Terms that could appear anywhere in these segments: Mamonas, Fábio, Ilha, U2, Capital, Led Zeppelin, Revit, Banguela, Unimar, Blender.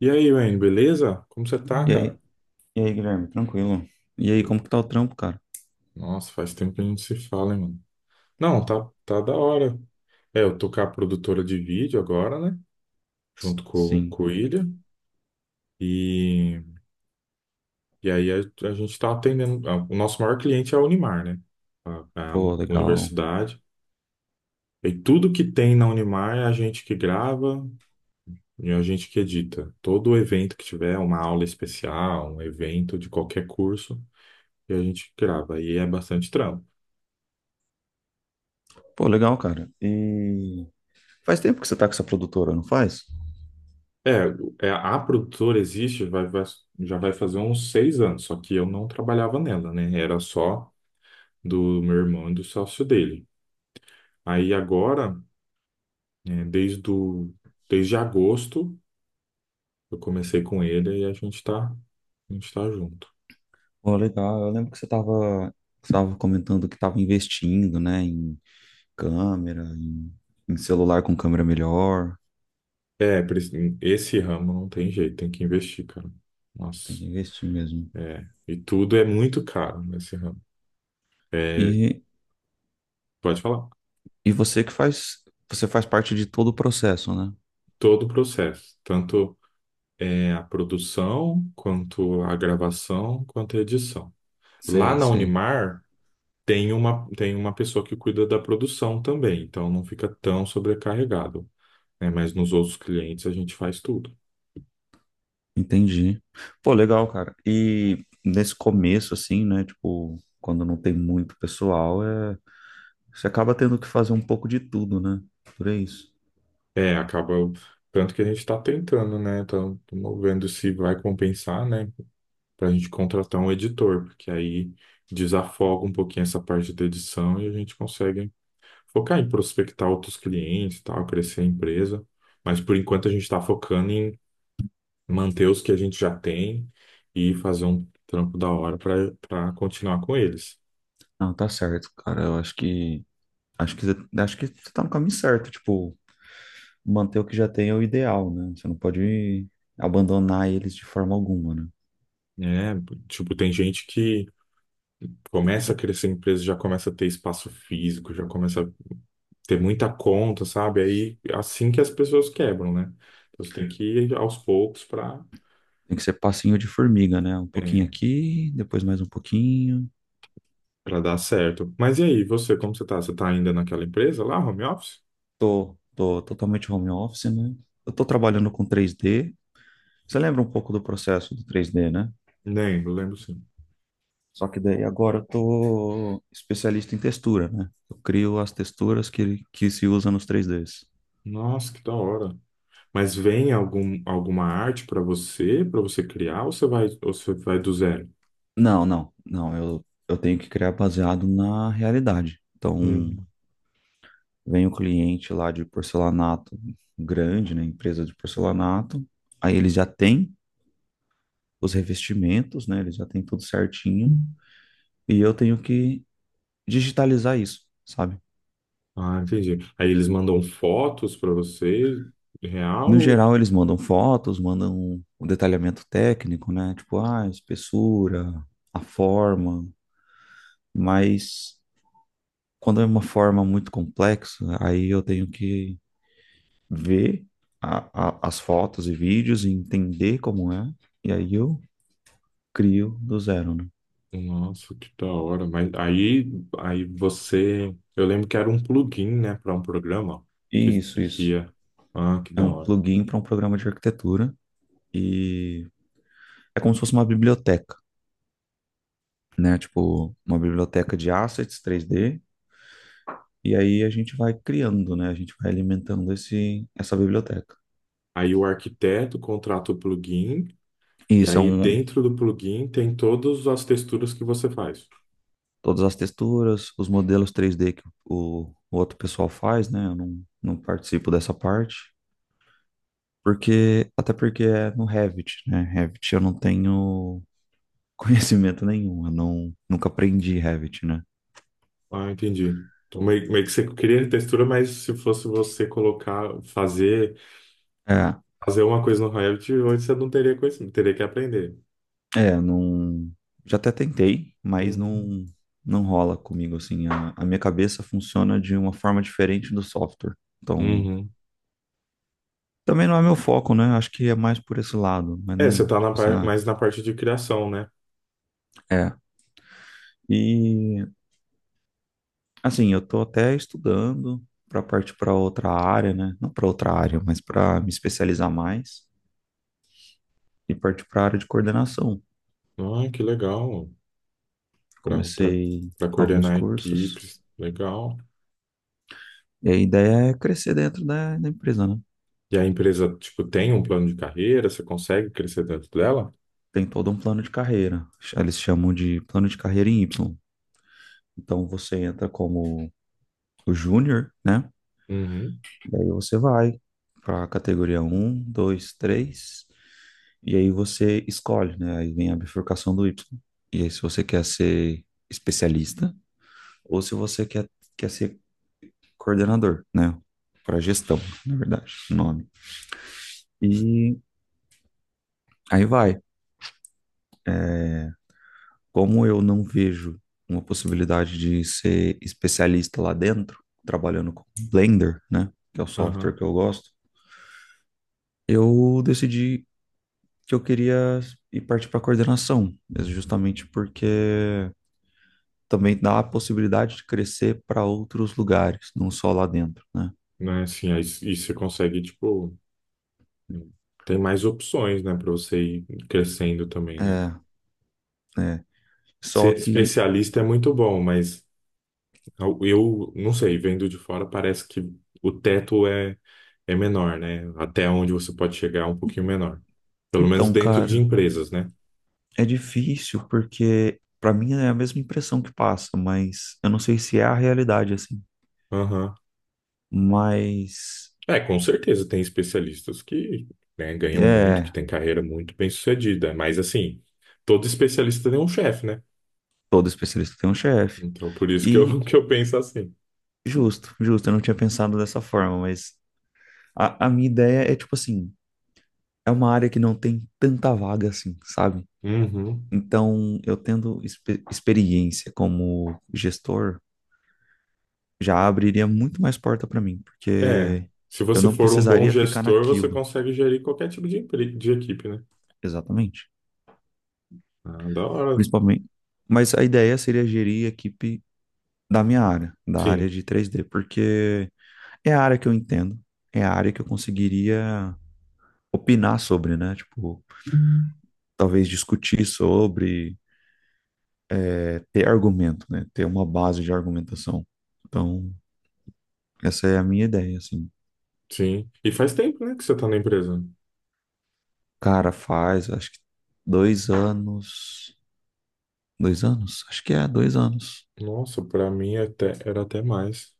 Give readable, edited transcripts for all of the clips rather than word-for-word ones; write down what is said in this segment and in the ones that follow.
E aí, Wayne, beleza? Como você tá, E cara? aí, Guilherme, tranquilo? E aí, como que tá o trampo, cara? Nossa, faz tempo que a gente se fala, hein, mano? Não, tá da hora. É, eu tô com a produtora de vídeo agora, né? Junto com, Sim. com o Ilha. E, e aí a gente tá atendendo. O nosso maior cliente é a Unimar, né? A Pô, legal. universidade. E tudo que tem na Unimar é a gente que grava e a gente que edita. Todo evento que tiver, uma aula especial, um evento de qualquer curso, e a gente grava. E é bastante trampo. Pô, legal, cara. E faz tempo que você tá com essa produtora, não faz? A produtora existe, já vai fazer uns 6 anos, só que eu não trabalhava nela, né? Era só do meu irmão e do sócio dele. Aí agora, é, desde, o, desde agosto, eu comecei com ele e a gente tá junto. Pô, legal. Eu lembro que você tava comentando que tava investindo, né, em câmera, em celular com câmera melhor. É, esse ramo não tem jeito, tem que investir, cara. Tem Nossa, que investir mesmo. é. E tudo é muito caro nesse ramo. É, E, pode falar, e você faz parte de todo o processo, né? todo o processo, tanto. É, a produção, quanto a gravação, quanto a edição. Lá Sei, na sei. Unimar tem uma pessoa que cuida da produção também, então não fica tão sobrecarregado, né? Mas nos outros clientes a gente faz tudo. Entendi. Pô, legal, cara. E nesse começo, assim, né? Tipo, quando não tem muito pessoal, você acaba tendo que fazer um pouco de tudo, né? Por isso. É, acaba tanto que a gente está tentando, né? Estamos vendo se vai compensar, né? Para a gente contratar um editor, porque aí desafoga um pouquinho essa parte da edição e a gente consegue focar em prospectar outros clientes, e tal, crescer a empresa, mas por enquanto a gente está focando em manter os que a gente já tem e fazer um trampo da hora para continuar com eles. Não, tá certo, cara. Eu acho que. Acho que, acho que você tá no caminho certo. Tipo, manter o que já tem é o ideal, né? Você não pode abandonar eles de forma alguma, né? Né? Tipo, tem gente que começa a crescer a empresa, já começa a ter espaço físico, já começa a ter muita conta, sabe? Aí assim que as pessoas quebram, né? Então você tem que ir aos poucos para Tem que ser passinho de formiga, né? Um pouquinho aqui, depois mais um pouquinho. para dar certo. Mas e aí, você, como você tá? Você tá ainda naquela empresa lá, home office? Tô, tô totalmente home office, né? Eu tô trabalhando com 3D. Você lembra um pouco do processo do 3D, né? Lembro, lembro sim. Só que daí agora eu tô especialista em textura, né? Eu crio as texturas que se usa nos 3Ds. Nossa, que da hora. Mas vem alguma arte para você criar, ou você vai do zero? Não, não, não. Eu tenho que criar baseado na realidade. Então, Hum. vem o cliente lá de porcelanato grande, né? Empresa de porcelanato. Aí eles já têm os revestimentos, né? Eles já têm tudo certinho. E eu tenho que digitalizar isso, sabe? Ah, entendi. Aí eles mandam fotos para você, No real? geral, eles mandam fotos, mandam o detalhamento técnico, né? Tipo, ah, espessura, a forma, mas quando é uma forma muito complexa, aí eu tenho que ver as fotos e vídeos e entender como é, e aí eu crio do zero, né? Nossa, que da hora. Mas aí você. Eu lembro que era um plugin, né, para um programa que, Isso, que isso. ia. Ah, que É da um hora. plugin para um programa de arquitetura e é como se fosse uma biblioteca, né? Tipo, uma biblioteca de assets 3D. E aí a gente vai criando, né? A gente vai alimentando essa biblioteca. Aí o arquiteto contrata o plugin, E e aí são dentro do plugin tem todas as texturas que você faz. todas as texturas, os modelos 3D que o outro pessoal faz, né? Eu não participo dessa parte, porque até porque é no Revit, né? Revit eu não tenho conhecimento nenhum, eu não, nunca aprendi Revit, né? Ah, entendi. Então, meio que você queria textura, mas se fosse você colocar, fazer, É, fazer uma coisa no Revit, hoje você não teria conhecimento, teria que aprender. Não, já até tentei, mas Uhum. não, não rola comigo assim. A minha cabeça funciona de uma forma diferente do software. Então, Uhum. também não é meu foco, né? Acho que é mais por esse lado, mas É, você nem, tá tipo assim, ah, mais na parte de criação, né? é. E, assim, eu tô até estudando para partir para outra área, né? Não para outra área, mas para me especializar mais e partir para a área de coordenação. Ah, que legal. Pra, pra, Comecei pra alguns coordenar cursos equipes, legal. e a ideia é crescer dentro da empresa, né? E a empresa, tipo, tem um plano de carreira, você consegue crescer dentro dela? Tem todo um plano de carreira. Eles chamam de plano de carreira em Y. Então, você entra como o júnior, né? Uhum. Daí você vai para a categoria um, dois, três. E aí você escolhe, né? Aí vem a bifurcação do Y. E aí se você quer ser especialista ou se você quer, quer ser coordenador, né? Para gestão, na verdade, o nome. E aí vai. Como eu não vejo uma possibilidade de ser especialista lá dentro, trabalhando com Blender, né? Que é o software Aham. que eu gosto, eu decidi que eu queria ir partir para coordenação, justamente porque também dá a possibilidade de crescer para outros lugares, não só lá dentro, né? Né, assim, aí, e você consegue, tipo, tem mais opções, né, pra você ir crescendo também, né? É, é. Só Ser que, especialista é muito bom, mas eu não sei, vendo de fora parece que o teto é menor, né? Até onde você pode chegar é um pouquinho menor. Pelo menos então, dentro de cara, empresas, né? é difícil porque para mim é a mesma impressão que passa, mas eu não sei se é a realidade assim. Aham. Mas É, com certeza tem especialistas que, né, ganham muito, que é, têm carreira muito bem-sucedida, mas assim, todo especialista tem um chefe, né? todo especialista tem um chefe. Então por isso que eu, E que eu penso assim. justo, justo, eu não tinha pensado dessa forma, mas a minha ideia é tipo assim, é uma área que não tem tanta vaga assim, sabe? Uhum. Então, eu tendo experiência como gestor, já abriria muito mais porta para mim, É, porque se eu você não for um bom precisaria ficar gestor, você naquilo, consegue gerir qualquer tipo de equipe, né? exatamente. Ah, da hora. Principalmente. Mas a ideia seria gerir a equipe da minha área, da Sim. área de 3D, porque é a área que eu entendo, é a área que eu conseguiria opinar sobre, né? Tipo, talvez discutir sobre, é, ter argumento, né? Ter uma base de argumentação. Então, essa é a minha ideia, assim. Sim. E faz tempo, né, que você tá na empresa. Cara, faz, acho que 2 anos. 2 anos? Acho que é, 2 anos. Nossa, pra mim até, era até mais.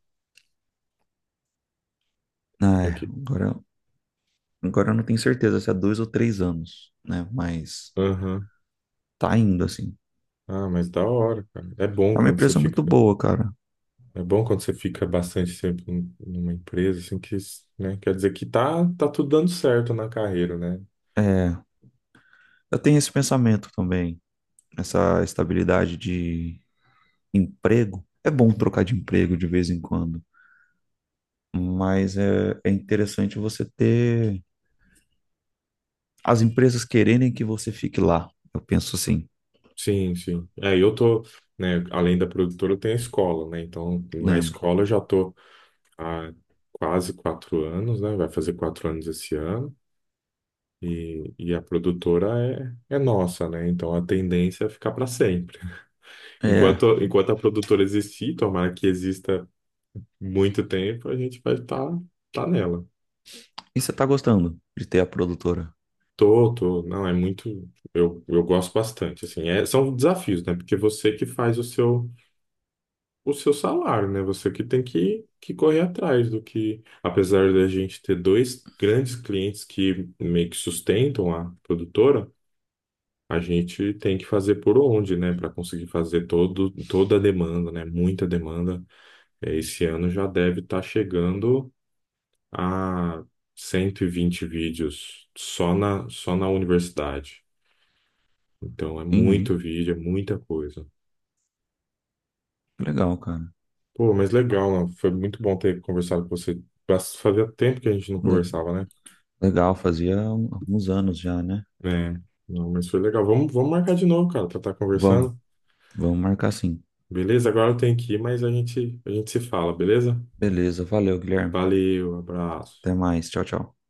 Ah, É é, que... agora, agora eu não tenho certeza se é 2 ou 3 anos, né? Mas Aham. tá indo, assim. Ah, mas da hora, cara. É bom É uma quando você empresa muito fica... boa, cara. É bom quando você fica bastante tempo numa empresa, assim, que, né, quer dizer que tá tudo dando certo na carreira, né? É, eu tenho esse pensamento também, essa estabilidade de emprego. É bom trocar de emprego de vez em quando, mas é interessante você ter as empresas quererem que você fique lá. Eu penso assim, Sim, sim. É, eu tô, né, além da produtora, eu tenho a escola, né? Então, na lembro. escola eu já tô há quase 4 anos, né? Vai fazer 4 anos esse ano. E a produtora é nossa, né? Então a tendência é ficar para sempre. É, Enquanto a produtora existir, tomara que exista muito tempo, a gente vai tá nela. e você tá gostando de ter a produtora? Tô, tô, não, é muito. Eu gosto bastante, assim. É, são desafios, né? Porque você que faz o seu salário, né? Você que tem que correr atrás do que. Apesar da gente ter dois grandes clientes que meio que sustentam a produtora. A gente tem que fazer por onde, né, para conseguir fazer todo, toda a demanda, né, muita demanda. É, esse ano já deve estar chegando a 120 vídeos só na universidade. Então é Entendi. muito vídeo, é muita coisa. Que legal, cara. Pô, mas legal, né? Foi muito bom ter conversado com você. Fazia tempo que a gente não Le- conversava, né? Legal, fazia alguns anos já, né? É, não, mas foi legal. Vamos marcar de novo, cara, pra estar Vamos, conversando. vamos marcar sim. Beleza? Agora eu tenho que ir, mas a gente se fala, beleza? Beleza, valeu, Guilherme. Valeu, abraço. Até mais. Tchau, tchau.